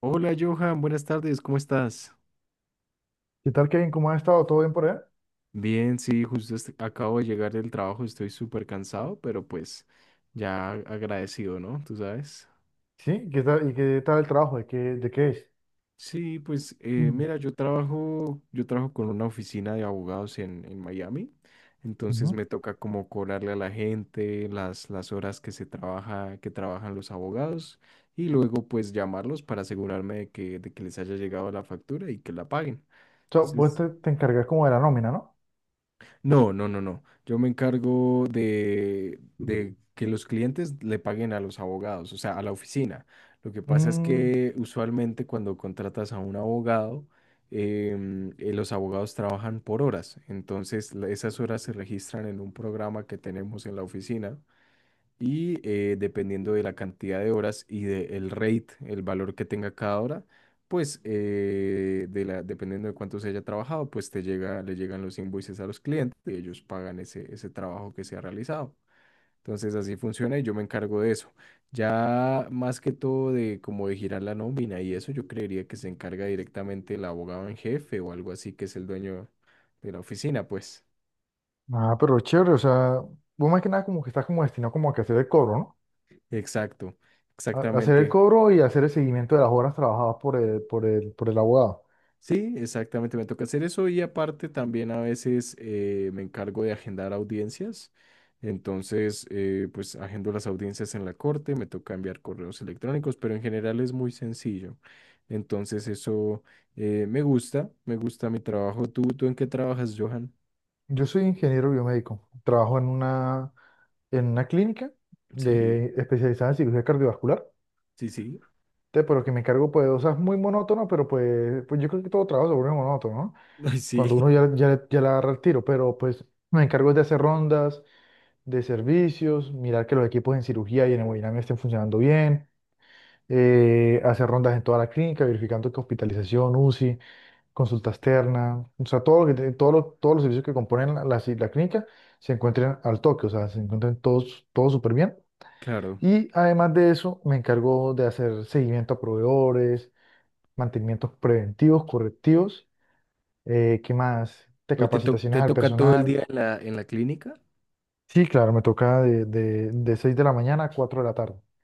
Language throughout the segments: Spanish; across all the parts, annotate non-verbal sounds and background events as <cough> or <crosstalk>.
Hola Johan, buenas tardes, ¿cómo estás? ¿Qué tal, Kevin? ¿Cómo has estado? ¿Todo bien por allá? Bien, sí, acabo de llegar del trabajo, estoy súper cansado, pero pues ya agradecido, ¿no? Tú sabes. Sí, ¿qué tal? ¿Y qué tal el trabajo? ¿De qué es? Sí, pues Mm, mira, yo trabajo con una oficina de abogados en Miami, ujú. entonces O me toca como cobrarle a la gente las horas que se trabaja, que trabajan los abogados y luego pues llamarlos para asegurarme de que les haya llegado la factura y que la paguen. vos Entonces... te encargas como de la nómina, ¿no? No, no, no, no. Yo me encargo de que los clientes le paguen a los abogados, o sea, a la oficina. Lo que pasa es Mm, que usualmente cuando contratas a un abogado, los abogados trabajan por horas. Entonces, esas horas se registran en un programa que tenemos en la oficina y dependiendo de la cantidad de horas y del rate, el valor que tenga cada hora, pues dependiendo de cuánto se haya trabajado, pues le llegan los invoices a los clientes y ellos pagan ese trabajo que se ha realizado. Entonces así funciona y yo me encargo de eso. Ya más que todo de como de girar la nómina y eso, yo creería que se encarga directamente el abogado en jefe o algo así que es el dueño de la oficina, pues. ah, pero chévere, o sea, vos más que nada como que estás como destinado como a que hacer el cobro, ¿no? Exacto, A hacer el exactamente. cobro y hacer el seguimiento de las horas trabajadas por el abogado. Sí, exactamente, me toca hacer eso y aparte también a veces me encargo de agendar audiencias. Entonces, pues agendo las audiencias en la corte, me toca enviar correos electrónicos, pero en general es muy sencillo. Entonces, eso me gusta mi trabajo. ¿Tú en qué trabajas, Johan? Yo soy ingeniero biomédico, trabajo en una clínica Sí, especializada en cirugía cardiovascular. sí, sí. Pero que me encargo pues de cosas muy monótonas, pero pues yo creo que todo trabajo se vuelve monótono, ¿no? <laughs> Ay, sí, Cuando uno ya le agarra el tiro, pero pues me encargo de hacer rondas de servicios, mirar que los equipos en cirugía y en hemodinamia estén funcionando bien. Hacer rondas en toda la clínica, verificando que hospitalización, UCI, consulta externa, o sea, todo lo que, te- todo lo- todos los servicios que componen la clínica se encuentren al toque, o sea, se encuentren todos, todos súper bien. claro. Y además de eso, me encargo de hacer seguimiento a proveedores, mantenimientos preventivos, correctivos. ¿Qué más? De ¿Pero capacitaciones te al toca todo el personal. día en la clínica? Sí, claro, me toca de 6 de la mañana a 4 de la tarde. <clears throat>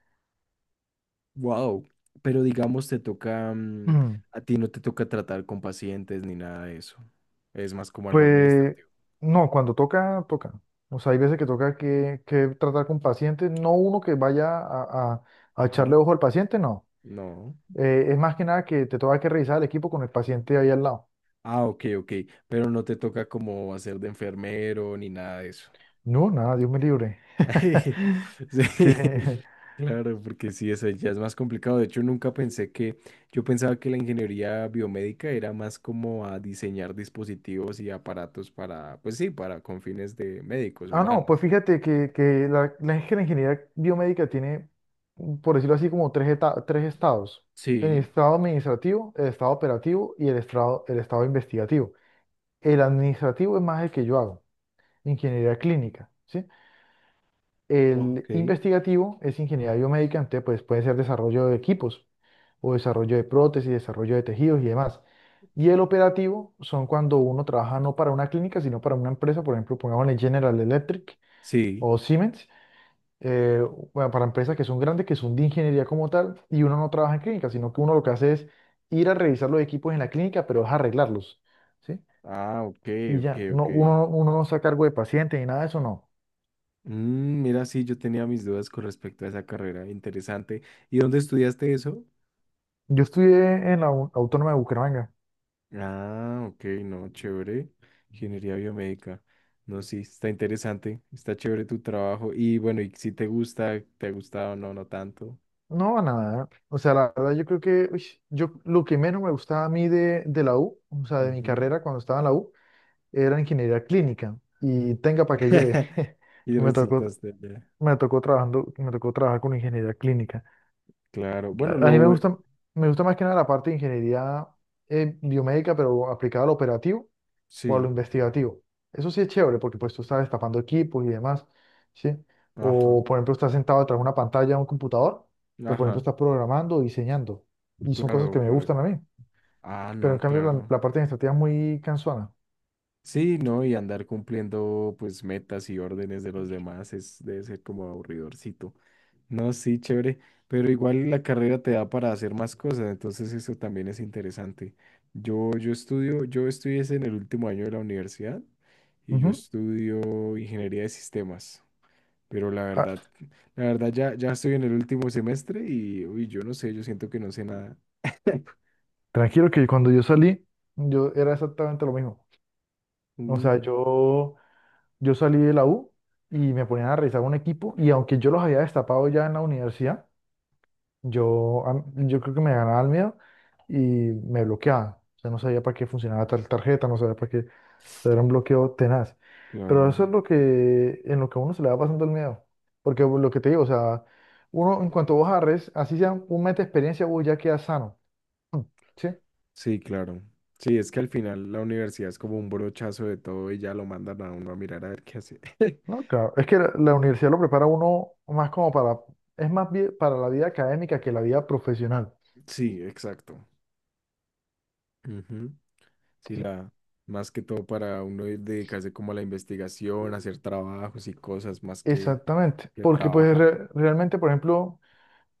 Wow, pero digamos te toca, mm, Mm, a ti no te toca tratar con pacientes ni nada de eso. Es más como algo Pues administrativo. no, cuando toca, toca. O sea, hay veces que toca que tratar con pacientes, no uno que vaya a, a echarle Ajá, ojo al paciente, no. no. Es más que nada que te toca que revisar el equipo con el paciente ahí al lado. Ah, ok, ok, pero no te toca como hacer de enfermero ni nada de eso. No, nada, Dios me libre. <laughs> <laughs> Sí. Sí, claro, porque sí, eso ya es más complicado. De hecho, nunca pensé que, yo pensaba que la ingeniería biomédica era más como a diseñar dispositivos y aparatos para, pues sí, para con fines de médicos Ah, no, pues humanos. fíjate que la es que la ingeniería biomédica tiene, por decirlo así, como tres estados. El Sí, estado administrativo, el estado operativo y el estado investigativo. El administrativo es más el que yo hago, ingeniería clínica, ¿sí? El ok. investigativo es ingeniería biomédica. Entonces pues, puede ser desarrollo de equipos o desarrollo de prótesis, desarrollo de tejidos y demás. Y el operativo son cuando uno trabaja no para una clínica, sino para una empresa, por ejemplo, pongámosle General Electric Sí. o Siemens. eh, bueno, para empresas que son grandes, que son de ingeniería como tal, y uno no trabaja en clínica, sino que uno lo que hace es ir a revisar los equipos en la clínica, pero es arreglarlos, ¿sí? Ah, ok, Y ok, ya, no, ok. uno no está a cargo de pacientes ni nada de eso, no. Mm, mira, sí, yo tenía mis dudas con respecto a esa carrera. Interesante. ¿Y dónde estudiaste eso? Yo estudié en la Autónoma de Bucaramanga. Ah, ok, no, chévere. Ingeniería biomédica. No, sí, está interesante. Está chévere tu trabajo. Y bueno, y si te gusta, te ha gustado, no, no tanto. No, nada. O sea, la verdad yo creo que uy, yo lo que menos me gustaba a mí de la U, o sea, de mi Ujú. carrera cuando estaba en la U, era ingeniería clínica. Y tenga para que lleve. <laughs> <laughs> Y Me tocó, resultaste allá. me tocó trabajar con ingeniería clínica. Claro. Bueno, A lo mí me bueno. gusta, me gusta más que nada la parte de ingeniería biomédica, pero aplicada al operativo o a lo Sí. investigativo. Eso sí es chévere, porque pues tú estás destapando equipos y demás, ¿sí? Ajá. O, por ejemplo, estás sentado detrás de una pantalla de un computador, pero, por ejemplo, Ajá. estás programando o diseñando. Y son cosas Claro, que me para. gustan a mí. Ah, Pero, en no, cambio, la, claro. la parte administrativa es muy cansona. Sí, ¿no? Y andar cumpliendo pues metas y órdenes de los demás es, debe ser como aburridorcito. No, sí, chévere, pero igual la carrera te da para hacer más cosas, entonces eso también es interesante. Yo estudié es en el último año de la universidad y yo Ujú. estudio ingeniería de sistemas, pero la Ah, verdad, la verdad ya estoy en el último semestre y uy, yo no sé, yo siento que no sé nada. <laughs> tranquilo, que cuando yo salí, yo era exactamente lo mismo. O Uh, sea, yo salí de la U y me ponían a revisar un equipo, y aunque yo los había destapado ya en la universidad, yo creo que me ganaba el miedo y me bloqueaban. O sea, no sabía para qué funcionaba tal tarjeta, no sabía para qué, o sea, era un bloqueo tenaz. Pero claro. eso es lo que, en lo que a uno se le va pasando el miedo. Porque lo que te digo, o sea, uno en cuanto vos agarres, así sea un mes de experiencia, vos ya quedas sano. Mm. ¿Sí? Sí, claro. Sí, es que al final la universidad es como un brochazo de todo y ya lo mandan a uno a mirar a ver qué hace. <laughs> No, claro. Es que la universidad lo prepara a uno más como para, es más bien para la vida académica que la vida profesional. Sí, exacto. Ujú. Sí, Sí. la, más que todo para uno dedicarse como a la investigación, hacer trabajos y cosas más Exactamente, que porque pues trabajar. realmente, por ejemplo,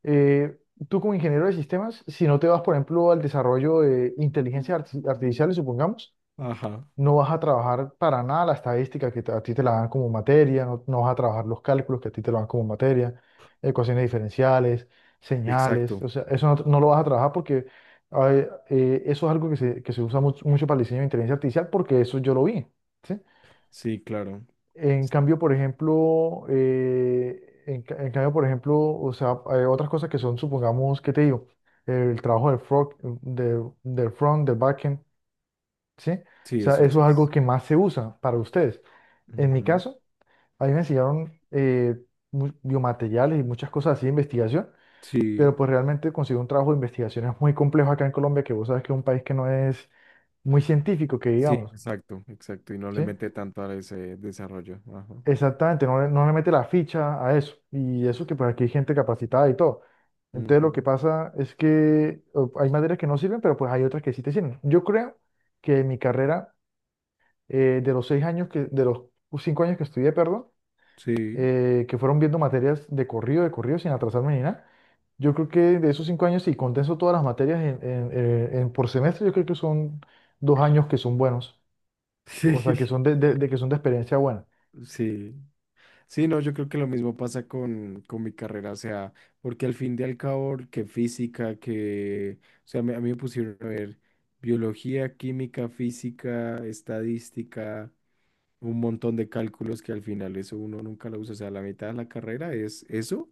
eh, tú como ingeniero de sistemas, si no te vas, por ejemplo, al desarrollo de inteligencia artificial, supongamos, Ajá, no vas a trabajar para nada la estadística que te- a ti te la dan como materia, no, no vas a trabajar los cálculos que a ti te lo dan como materia, ecuaciones diferenciales, señales, exacto. o sea, eso no, no lo vas a trabajar porque a ver, eso es algo que se, usa mucho, mucho para el diseño de inteligencia artificial porque eso yo lo vi. ¿Sí? Sí, claro. En cambio, por ejemplo, en cambio, por ejemplo, o sea, hay otras cosas que son, supongamos, ¿qué te digo? El trabajo del front, del front, del backend, ¿sí? O Sí, sea, eso eso sí es algo es. que más se usa para ustedes. En mi Ujú. caso, a mí me enseñaron biomateriales y muchas cosas así de investigación, Sí, pero pues realmente conseguir un trabajo de investigación es muy complejo acá en Colombia, que vos sabes que es un país que no es muy científico, que sí, digamos, exacto, exacto. Y no le ¿sí? mete tanto a ese desarrollo. Ajá. Exactamente, no, no le mete la ficha a eso. Y eso que pues aquí hay gente capacitada y todo. Entonces Ujú. lo que pasa es que o- hay materias que no sirven, pero pues hay otras que sí te sirven. Yo creo que en mi carrera, de los 6 años que, de los 5 años que estudié, perdón, Sí. <laughs> Que fueron viendo materias de corrido, sin atrasarme ni nada, yo creo que de esos 5 años, si condenso todas las materias en por semestre, yo creo que son 2 años que son buenos. O Sí. sea, que son de experiencia buena. Sí. Sí, no, yo creo que lo mismo pasa con mi carrera, o sea, porque al fin y al cabo, que física, que, o sea, a mí me pusieron a ver biología, química, física, estadística, un montón de cálculos que al final eso uno nunca lo usa, o sea, la mitad de la carrera es eso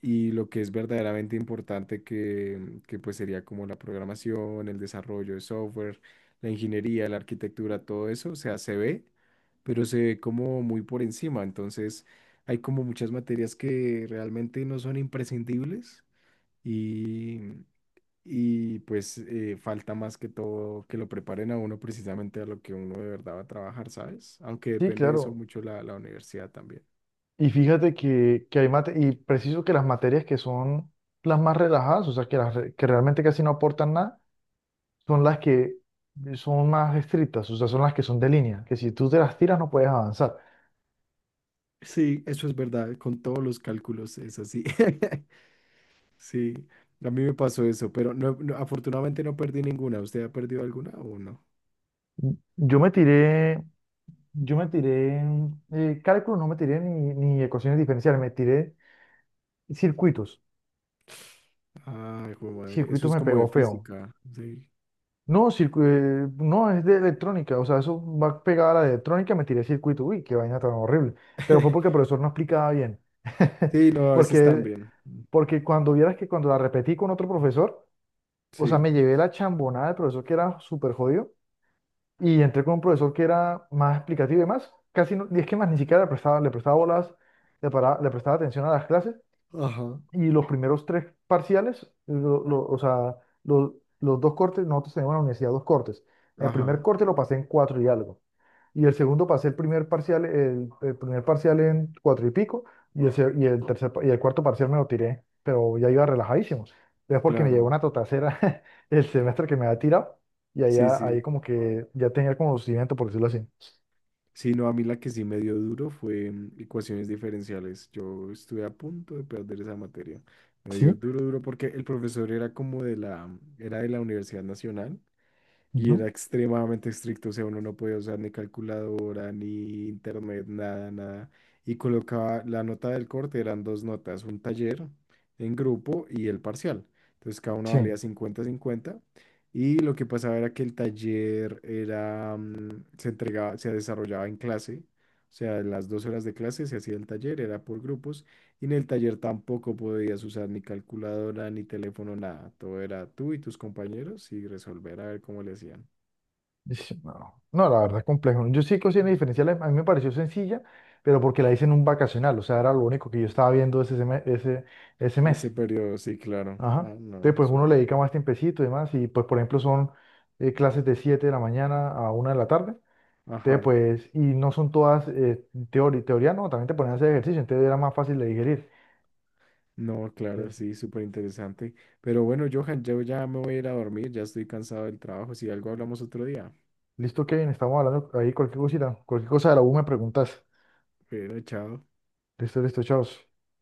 y lo que es verdaderamente importante que pues sería como la programación, el desarrollo de software, la ingeniería, la arquitectura, todo eso, o sea, se ve, pero se ve como muy por encima, entonces hay como muchas materias que realmente no son imprescindibles y, y pues falta más que todo que lo preparen a uno precisamente a lo que uno de verdad va a trabajar, ¿sabes? Aunque Sí, depende de eso claro. mucho la universidad también. Y fíjate que hay mate, y preciso que las materias que son las más relajadas, o sea, que realmente casi no aportan nada, son las que son más estrictas, o sea, son las que son de línea, que si tú te las tiras no puedes avanzar. Sí, eso es verdad, con todos los cálculos es así. <laughs> Sí, a mí me pasó eso, pero no, no, afortunadamente no perdí ninguna. ¿Usted ha perdido alguna o no? Yo me tiré, yo me tiré cálculo, no me tiré ni ecuaciones diferenciales, me tiré circuitos. Ay, jue madre, eso Circuitos es me como de pegó feo. física. Sí, No, no, es de electrónica, o sea, eso va pegada a la de electrónica, me tiré circuito, uy, qué vaina tan horrible. Pero fue porque el <laughs> profesor no explicaba bien. <laughs> sí, no, a veces Porque, también. porque cuando vieras que cuando la repetí con otro profesor, o sea, Sí, me llevé la chambonada del profesor que era súper jodido y entré con un profesor que era más explicativo y demás, casi no, y es que más ni siquiera le prestaba bolas, le prestaba atención a las clases, ajá, y los primeros tres parciales, o sea, los dos cortes, nosotros tenemos en la universidad dos cortes. El primer ajá, corte lo pasé en cuatro y algo. Y el segundo pasé el primer parcial en cuatro y pico. Y el, se- y el tercer, pa- y el cuarto parcial me lo tiré, pero ya iba relajadísimo. Es porque me llegó claro. una totacera <laughs> el semestre que me había tirado. Y Sí, allá, sí. ahí como que ya tenía el conocimiento, por decirlo así. Sí, no, a mí la que sí me dio duro fue mm, ecuaciones diferenciales. Yo estuve a punto de perder esa materia. Me dio Sí, duro, duro, porque el profesor era como de la, era de la Universidad Nacional. Y ujú. era extremadamente estricto, o sea, uno no podía usar ni calculadora, ni internet, nada, nada. Y colocaba la nota del corte, eran dos notas, un taller en grupo y el parcial. Entonces cada una Sí. valía 50-50. Y lo que pasaba era que el taller era, mm, se entregaba, se desarrollaba en clase. O sea, en las 2 horas de clase se hacía el taller, era por grupos. Y en el taller tampoco podías usar ni calculadora, ni teléfono, nada. Todo era tú y tus compañeros y resolver a ver cómo le hacían. Ish, no, no, la verdad es complejo. Yo sí cocina diferencial, a mí me pareció sencilla, pero porque la hice en un vacacional, o sea, era lo único que yo estaba viendo ese Ese mes. periodo, sí, claro. Ajá. Ah, no, Entonces, pues uno le súper dedica bien. más tiempecito y demás, y pues, por ejemplo, son clases de 7 de la mañana a 1 de la tarde. Entonces, Ajá. pues, y no son todas teoría, no, también te ponen a hacer ejercicio, entonces era más fácil de digerir. No, claro, Entonces, sí, súper interesante. Pero bueno, Johan, yo ya me voy a ir a dormir, ya estoy cansado del trabajo. Si algo hablamos otro día. listo, Kevin, estamos hablando ahí cualquier cosita, cualquier cosa de la U me preguntas. Pero chao. Listo, listo, chao.